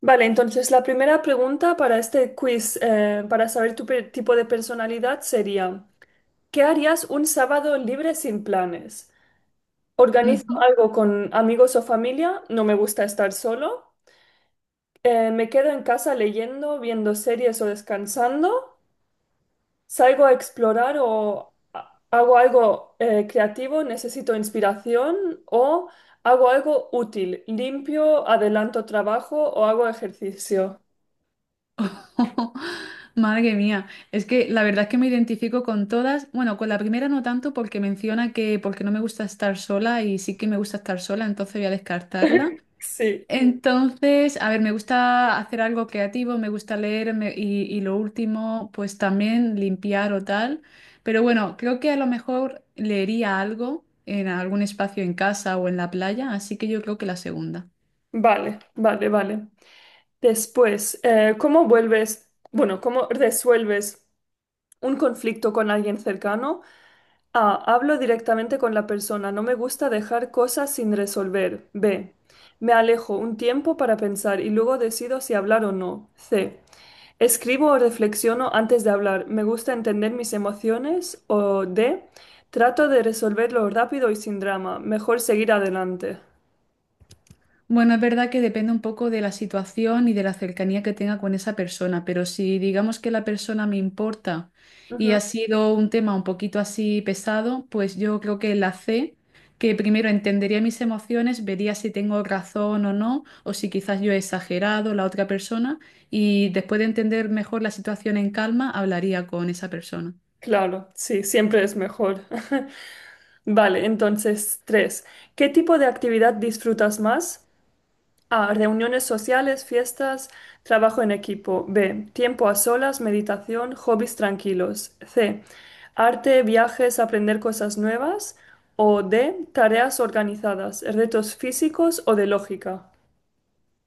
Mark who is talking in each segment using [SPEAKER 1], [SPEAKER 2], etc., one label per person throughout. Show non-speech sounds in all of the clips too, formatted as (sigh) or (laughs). [SPEAKER 1] Vale, entonces la primera pregunta para este quiz, para saber tu tipo de personalidad sería, ¿qué harías un sábado libre sin planes? ¿Organizo
[SPEAKER 2] Ujú.
[SPEAKER 1] algo con amigos o familia? No me gusta estar solo. ¿Me quedo en casa leyendo, viendo series o descansando? ¿Salgo a explorar o hago algo creativo? ¿Necesito inspiración? ¿O hago algo útil? ¿Limpio, adelanto trabajo o hago ejercicio?
[SPEAKER 2] (laughs) Madre mía, es que la verdad es que me identifico con todas, bueno, con la primera no tanto porque menciona que porque no me gusta estar sola y sí que me gusta estar sola, entonces voy a descartarla.
[SPEAKER 1] (laughs) Sí.
[SPEAKER 2] Entonces, a ver, me gusta hacer algo creativo, me gusta y lo último, pues también limpiar o tal, pero bueno, creo que a lo mejor leería algo en algún espacio en casa o en la playa, así que yo creo que la segunda.
[SPEAKER 1] Vale, vale, vale. Después, ¿cómo bueno, cómo resuelves un conflicto con alguien cercano? A, hablo directamente con la persona, no me gusta dejar cosas sin resolver. B, me alejo un tiempo para pensar y luego decido si hablar o no. C, escribo o reflexiono antes de hablar, me gusta entender mis emociones. O D, trato de resolverlo rápido y sin drama, mejor seguir adelante.
[SPEAKER 2] Bueno, es verdad que depende un poco de la situación y de la cercanía que tenga con esa persona, pero si digamos que la persona me importa y
[SPEAKER 1] Ujú.
[SPEAKER 2] ha sido un tema un poquito así pesado, pues yo creo que la C, que primero entendería mis emociones, vería si tengo razón o no, o si quizás yo he exagerado la otra persona, y después de entender mejor la situación en calma, hablaría con esa persona.
[SPEAKER 1] Claro, sí, siempre es mejor. (laughs) Vale, entonces, tres. ¿Qué tipo de actividad disfrutas más? A. Reuniones sociales, fiestas, trabajo en equipo. B. Tiempo a solas, meditación, hobbies tranquilos. C. Arte, viajes, aprender cosas nuevas. O D. Tareas organizadas, retos físicos o de lógica.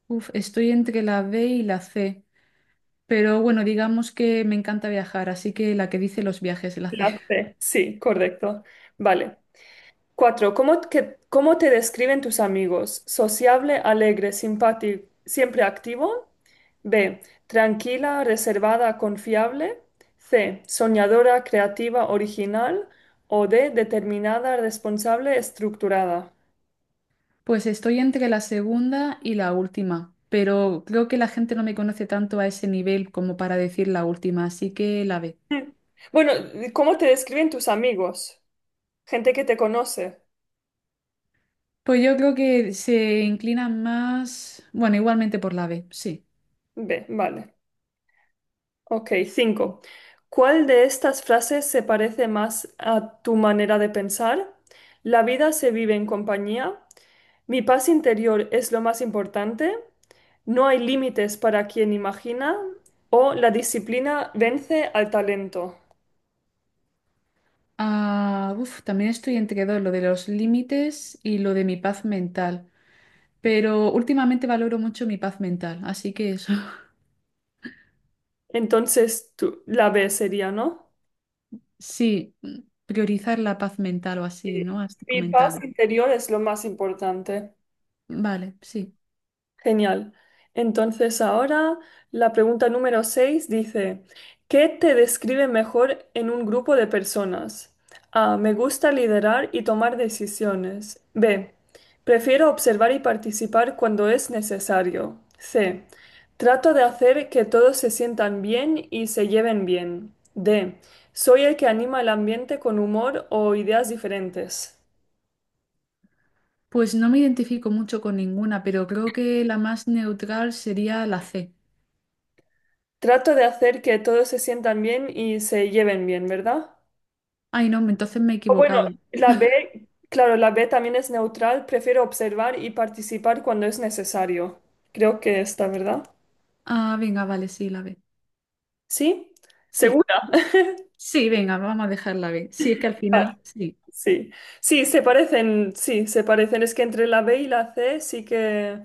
[SPEAKER 2] Uf, estoy entre la B y la C, pero bueno, digamos que me encanta viajar, así que la que dice los viajes, la C.
[SPEAKER 1] La C. Sí, correcto. Vale. Cuatro, ¿cómo te describen tus amigos? Sociable, alegre, simpático, siempre activo. B, tranquila, reservada, confiable. C, soñadora, creativa, original. O D, determinada, responsable, estructurada.
[SPEAKER 2] Pues estoy entre la segunda y la última, pero creo que la gente no me conoce tanto a ese nivel como para decir la última, así que la B.
[SPEAKER 1] Hmm. Bueno, ¿cómo te describen tus amigos? Gente que te conoce.
[SPEAKER 2] Pues yo creo que se inclinan más, bueno, igualmente por la B, sí.
[SPEAKER 1] B, vale. Ok, cinco. ¿Cuál de estas frases se parece más a tu manera de pensar? La vida se vive en compañía. Mi paz interior es lo más importante. No hay límites para quien imagina. O la disciplina vence al talento.
[SPEAKER 2] Ah, uf, también estoy entre dos, lo de los límites y lo de mi paz mental, pero últimamente valoro mucho mi paz mental, así que eso, (laughs)
[SPEAKER 1] Entonces, la B sería, ¿no?
[SPEAKER 2] sí, priorizar la paz mental o así,
[SPEAKER 1] Sí.
[SPEAKER 2] ¿no? Has
[SPEAKER 1] Mi paz
[SPEAKER 2] comentado.
[SPEAKER 1] interior es lo más importante.
[SPEAKER 2] Vale, sí.
[SPEAKER 1] Genial. Entonces ahora la pregunta número 6 dice, ¿qué te describe mejor en un grupo de personas? A, me gusta liderar y tomar decisiones. B, prefiero observar y participar cuando es necesario. C, trato de hacer que todos se sientan bien y se lleven bien. D, soy el que anima el ambiente con humor o ideas diferentes.
[SPEAKER 2] Pues no me identifico mucho con ninguna, pero creo que la más neutral sería la C.
[SPEAKER 1] Trato de hacer que todos se sientan bien y se lleven bien, ¿verdad?
[SPEAKER 2] Ay, no, entonces me he
[SPEAKER 1] O bueno,
[SPEAKER 2] equivocado.
[SPEAKER 1] la B, claro, la B también es neutral, prefiero observar y participar cuando es necesario. Creo que está, ¿verdad?
[SPEAKER 2] Ah, venga, vale, sí, la B.
[SPEAKER 1] ¿Sí?
[SPEAKER 2] Sí,
[SPEAKER 1] ¿Segura? (laughs)
[SPEAKER 2] sí, venga, vamos a dejar la B. Sí, es que al
[SPEAKER 1] Ah,
[SPEAKER 2] final, sí.
[SPEAKER 1] sí. Sí, se parecen, sí, se parecen. Es que entre la B y la C sí que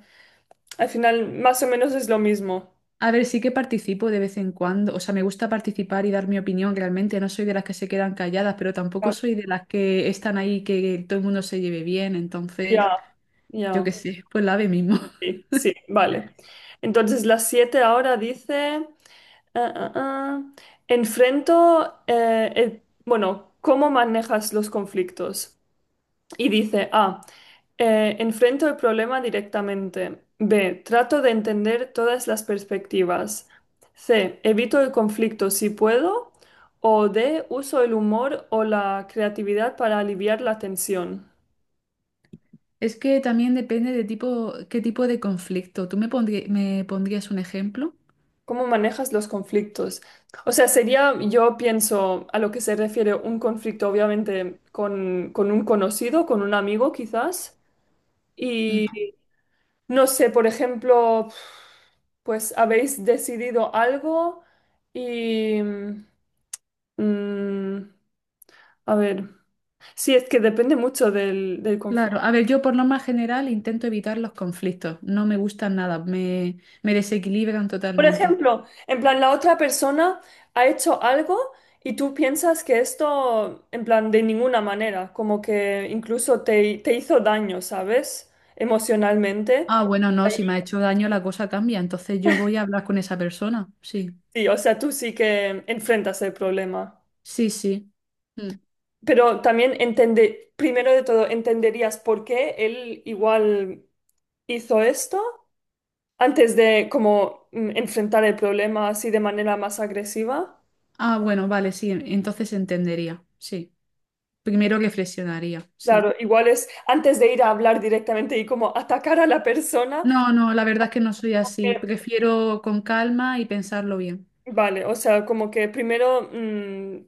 [SPEAKER 1] al final más o menos es lo mismo.
[SPEAKER 2] A ver, sí que participo de vez en cuando. O sea, me gusta participar y dar mi opinión realmente. No soy de las que se quedan calladas, pero tampoco
[SPEAKER 1] Ah,
[SPEAKER 2] soy de las que están ahí que todo el mundo se lleve bien. Entonces,
[SPEAKER 1] ya,
[SPEAKER 2] yo
[SPEAKER 1] ya.
[SPEAKER 2] qué sé, pues la B mismo. (laughs)
[SPEAKER 1] Sí, sí, vale. Entonces las siete ahora dice, ah, ah, ah, bueno, ¿cómo manejas los conflictos? Y dice, A, enfrento el problema directamente. B, trato de entender todas las perspectivas. C, evito el conflicto si puedo. O D, uso el humor o la creatividad para aliviar la tensión.
[SPEAKER 2] Es que también depende de tipo, qué tipo de conflicto. Me pondrías un ejemplo?
[SPEAKER 1] ¿Cómo manejas los conflictos? O sea, sería, yo pienso, a lo que se refiere un conflicto, obviamente, con un conocido, con un amigo quizás.
[SPEAKER 2] Mm.
[SPEAKER 1] No sé, por ejemplo, pues habéis decidido algo y... mm, a ver, sí, es que depende mucho del conflicto.
[SPEAKER 2] Claro, a ver, yo por lo más general intento evitar los conflictos, no me gustan nada, me desequilibran
[SPEAKER 1] Por
[SPEAKER 2] totalmente.
[SPEAKER 1] ejemplo, en plan, la otra persona ha hecho algo y tú piensas que esto, en plan, de ninguna manera, como que incluso te, te hizo daño, ¿sabes? Emocionalmente.
[SPEAKER 2] Ah, bueno, no, si me ha hecho daño la cosa cambia, entonces yo voy a hablar con esa persona, sí,
[SPEAKER 1] Sí, o sea, tú sí que enfrentas el problema.
[SPEAKER 2] sí, sí. Mm.
[SPEAKER 1] Pero también entender, primero de todo, entenderías por qué él igual hizo esto antes de como enfrentar el problema así de manera más agresiva.
[SPEAKER 2] Ah, bueno, vale, sí, entonces entendería, sí. Primero reflexionaría, sí.
[SPEAKER 1] Claro, igual es antes de ir a hablar directamente y como atacar a la persona.
[SPEAKER 2] No, no, la verdad es que no soy así,
[SPEAKER 1] eh,
[SPEAKER 2] prefiero con calma y pensarlo bien.
[SPEAKER 1] Vale, o sea, como que primero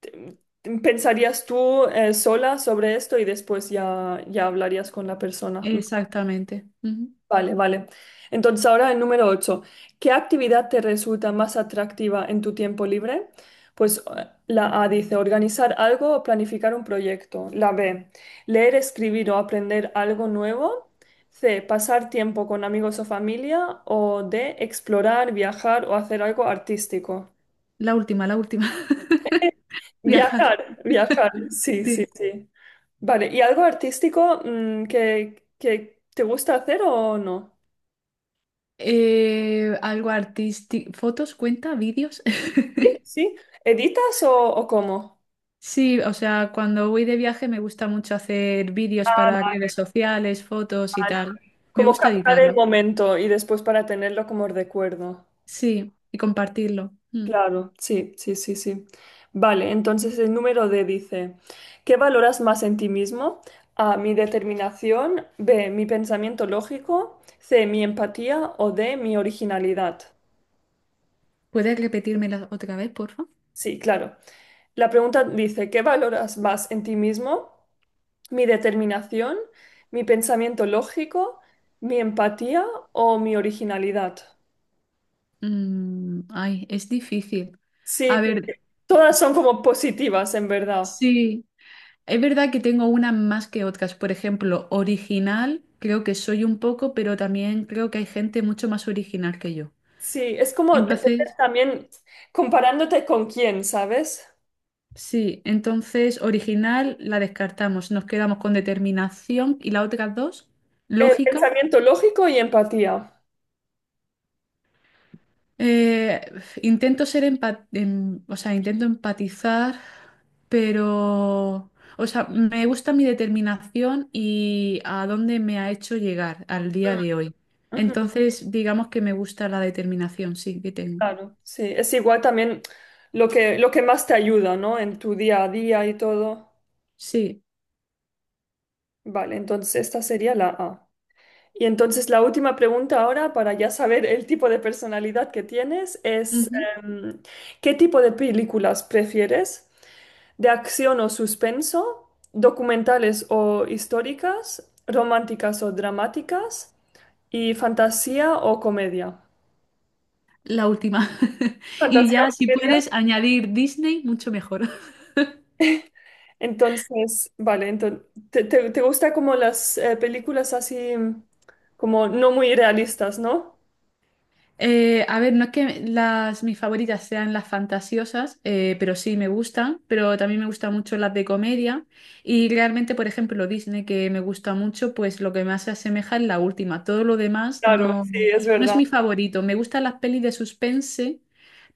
[SPEAKER 1] te- pensarías tú sola sobre esto y después ya, ya hablarías con la persona.
[SPEAKER 2] Exactamente. Ujú.
[SPEAKER 1] Vale, vale. Entonces ahora el número 8. ¿Qué actividad te resulta más atractiva en tu tiempo libre? Pues la A dice organizar algo o planificar un proyecto. La B, leer, escribir o aprender algo nuevo. C, pasar tiempo con amigos o familia. O D, explorar, viajar o hacer algo artístico.
[SPEAKER 2] La última,
[SPEAKER 1] (laughs)
[SPEAKER 2] (laughs) viajar,
[SPEAKER 1] Viajar, viajar, sí, sí,
[SPEAKER 2] sí.
[SPEAKER 1] sí. Vale, ¿y algo artístico que te gusta hacer o no?
[SPEAKER 2] Algo artístico. ¿Fotos cuenta? ¿Vídeos?
[SPEAKER 1] Sí,
[SPEAKER 2] (laughs)
[SPEAKER 1] sí. ¿Editas o cómo?
[SPEAKER 2] Sí, o sea, cuando voy de viaje me gusta mucho hacer vídeos
[SPEAKER 1] Ah,
[SPEAKER 2] para redes
[SPEAKER 1] vale,
[SPEAKER 2] sociales, fotos y
[SPEAKER 1] vale.
[SPEAKER 2] tal. Me
[SPEAKER 1] Como
[SPEAKER 2] gusta
[SPEAKER 1] captar el
[SPEAKER 2] editarlos.
[SPEAKER 1] momento y después para tenerlo como recuerdo.
[SPEAKER 2] Sí, y compartirlo. Mm.
[SPEAKER 1] Claro, sí, sí, sí, sí. Vale, entonces el número D dice, ¿qué valoras más en ti mismo? A, mi determinación, B, mi pensamiento lógico, C, mi empatía o D, mi originalidad.
[SPEAKER 2] ¿Puedes repetírmela otra vez, por favor?
[SPEAKER 1] Sí, claro. La pregunta dice, ¿qué valoras más en ti mismo? Mi determinación, mi pensamiento lógico, mi empatía o mi originalidad.
[SPEAKER 2] Mm, ay, es difícil.
[SPEAKER 1] Sí,
[SPEAKER 2] A ver,
[SPEAKER 1] porque todas son como positivas en verdad.
[SPEAKER 2] sí, es verdad que tengo unas más que otras. Por ejemplo, original, creo que soy un poco, pero también creo que hay gente mucho más original que yo.
[SPEAKER 1] Sí, es como depende
[SPEAKER 2] Entonces,
[SPEAKER 1] también comparándote con quién, ¿sabes?
[SPEAKER 2] sí, entonces original la descartamos, nos quedamos con determinación y las otras dos,
[SPEAKER 1] El
[SPEAKER 2] lógica.
[SPEAKER 1] pensamiento lógico y empatía.
[SPEAKER 2] Eh, intento ser empa- em- O sea, intento empatizar, pero, o sea, me gusta mi determinación y a dónde me ha hecho llegar al día
[SPEAKER 1] Mm,
[SPEAKER 2] de hoy.
[SPEAKER 1] ujú,
[SPEAKER 2] Entonces, digamos que me gusta la determinación, sí, que tengo.
[SPEAKER 1] claro, sí, es igual también lo que más te ayuda, ¿no? En tu día a día y todo.
[SPEAKER 2] Sí.
[SPEAKER 1] Vale, entonces esta sería la A. Y entonces la última pregunta ahora, para ya saber el tipo de personalidad que tienes, es
[SPEAKER 2] Ujú.
[SPEAKER 1] em, ¿qué tipo de películas prefieres? ¿De acción o suspenso? ¿Documentales o históricas? ¿Románticas o dramáticas? ¿Y fantasía o comedia?
[SPEAKER 2] La última. (laughs) Y
[SPEAKER 1] ¿Fantasía o
[SPEAKER 2] ya, si
[SPEAKER 1] comedia?
[SPEAKER 2] puedes añadir Disney, mucho mejor.
[SPEAKER 1] Entonces, vale, entonces, ¿te gusta como las películas así como no muy realistas, no?
[SPEAKER 2] A ver, no es que las, mis favoritas sean las fantasiosas, pero sí me gustan, pero también me gustan mucho las de comedia y realmente, por ejemplo, Disney, que me gusta mucho, pues lo que más se asemeja es la última. Todo lo demás
[SPEAKER 1] Claro,
[SPEAKER 2] no,
[SPEAKER 1] sí, es
[SPEAKER 2] no es
[SPEAKER 1] verdad.
[SPEAKER 2] mi favorito. Me gustan las pelis de suspense,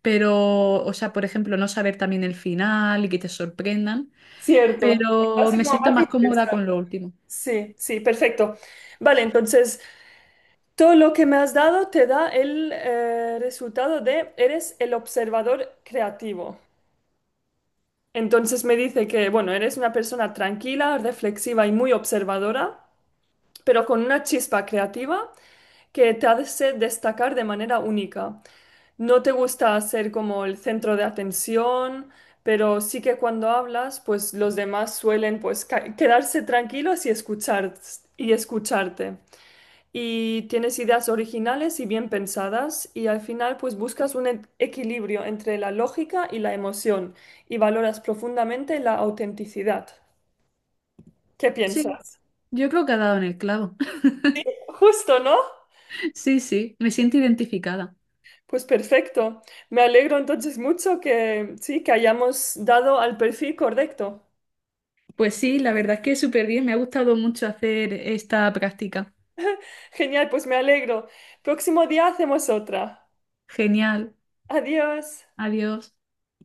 [SPEAKER 2] pero, o sea, por ejemplo, no saber también el final y que te sorprendan,
[SPEAKER 1] Cierto.
[SPEAKER 2] pero
[SPEAKER 1] Así
[SPEAKER 2] me
[SPEAKER 1] como
[SPEAKER 2] siento
[SPEAKER 1] más
[SPEAKER 2] más cómoda
[SPEAKER 1] interesante.
[SPEAKER 2] con lo último.
[SPEAKER 1] Sí, sí, perfecto. Vale, entonces todo lo que me has dado te da el resultado de eres el observador creativo. Entonces me dice que, bueno, eres una persona tranquila, reflexiva y muy observadora, pero con una chispa creativa que te hace destacar de manera única. No te gusta ser como el centro de atención, pero sí que cuando hablas, pues los demás suelen pues quedarse tranquilos y escuchar y escucharte. Y tienes ideas originales y bien pensadas y al final pues buscas un equilibrio entre la lógica y la emoción y valoras profundamente la autenticidad. ¿Qué
[SPEAKER 2] Sí,
[SPEAKER 1] piensas?
[SPEAKER 2] yo creo que ha dado en el clavo. (laughs)
[SPEAKER 1] Justo, ¿no?
[SPEAKER 2] Sí, sí, me siento identificada.
[SPEAKER 1] Pues perfecto. Me alegro entonces mucho que sí, que hayamos dado al perfil correcto.
[SPEAKER 2] Pues sí, la verdad es que súper bien. Me ha gustado mucho hacer esta práctica.
[SPEAKER 1] Genial, pues me alegro. Próximo día hacemos otra.
[SPEAKER 2] Genial.
[SPEAKER 1] Adiós.
[SPEAKER 2] Adiós.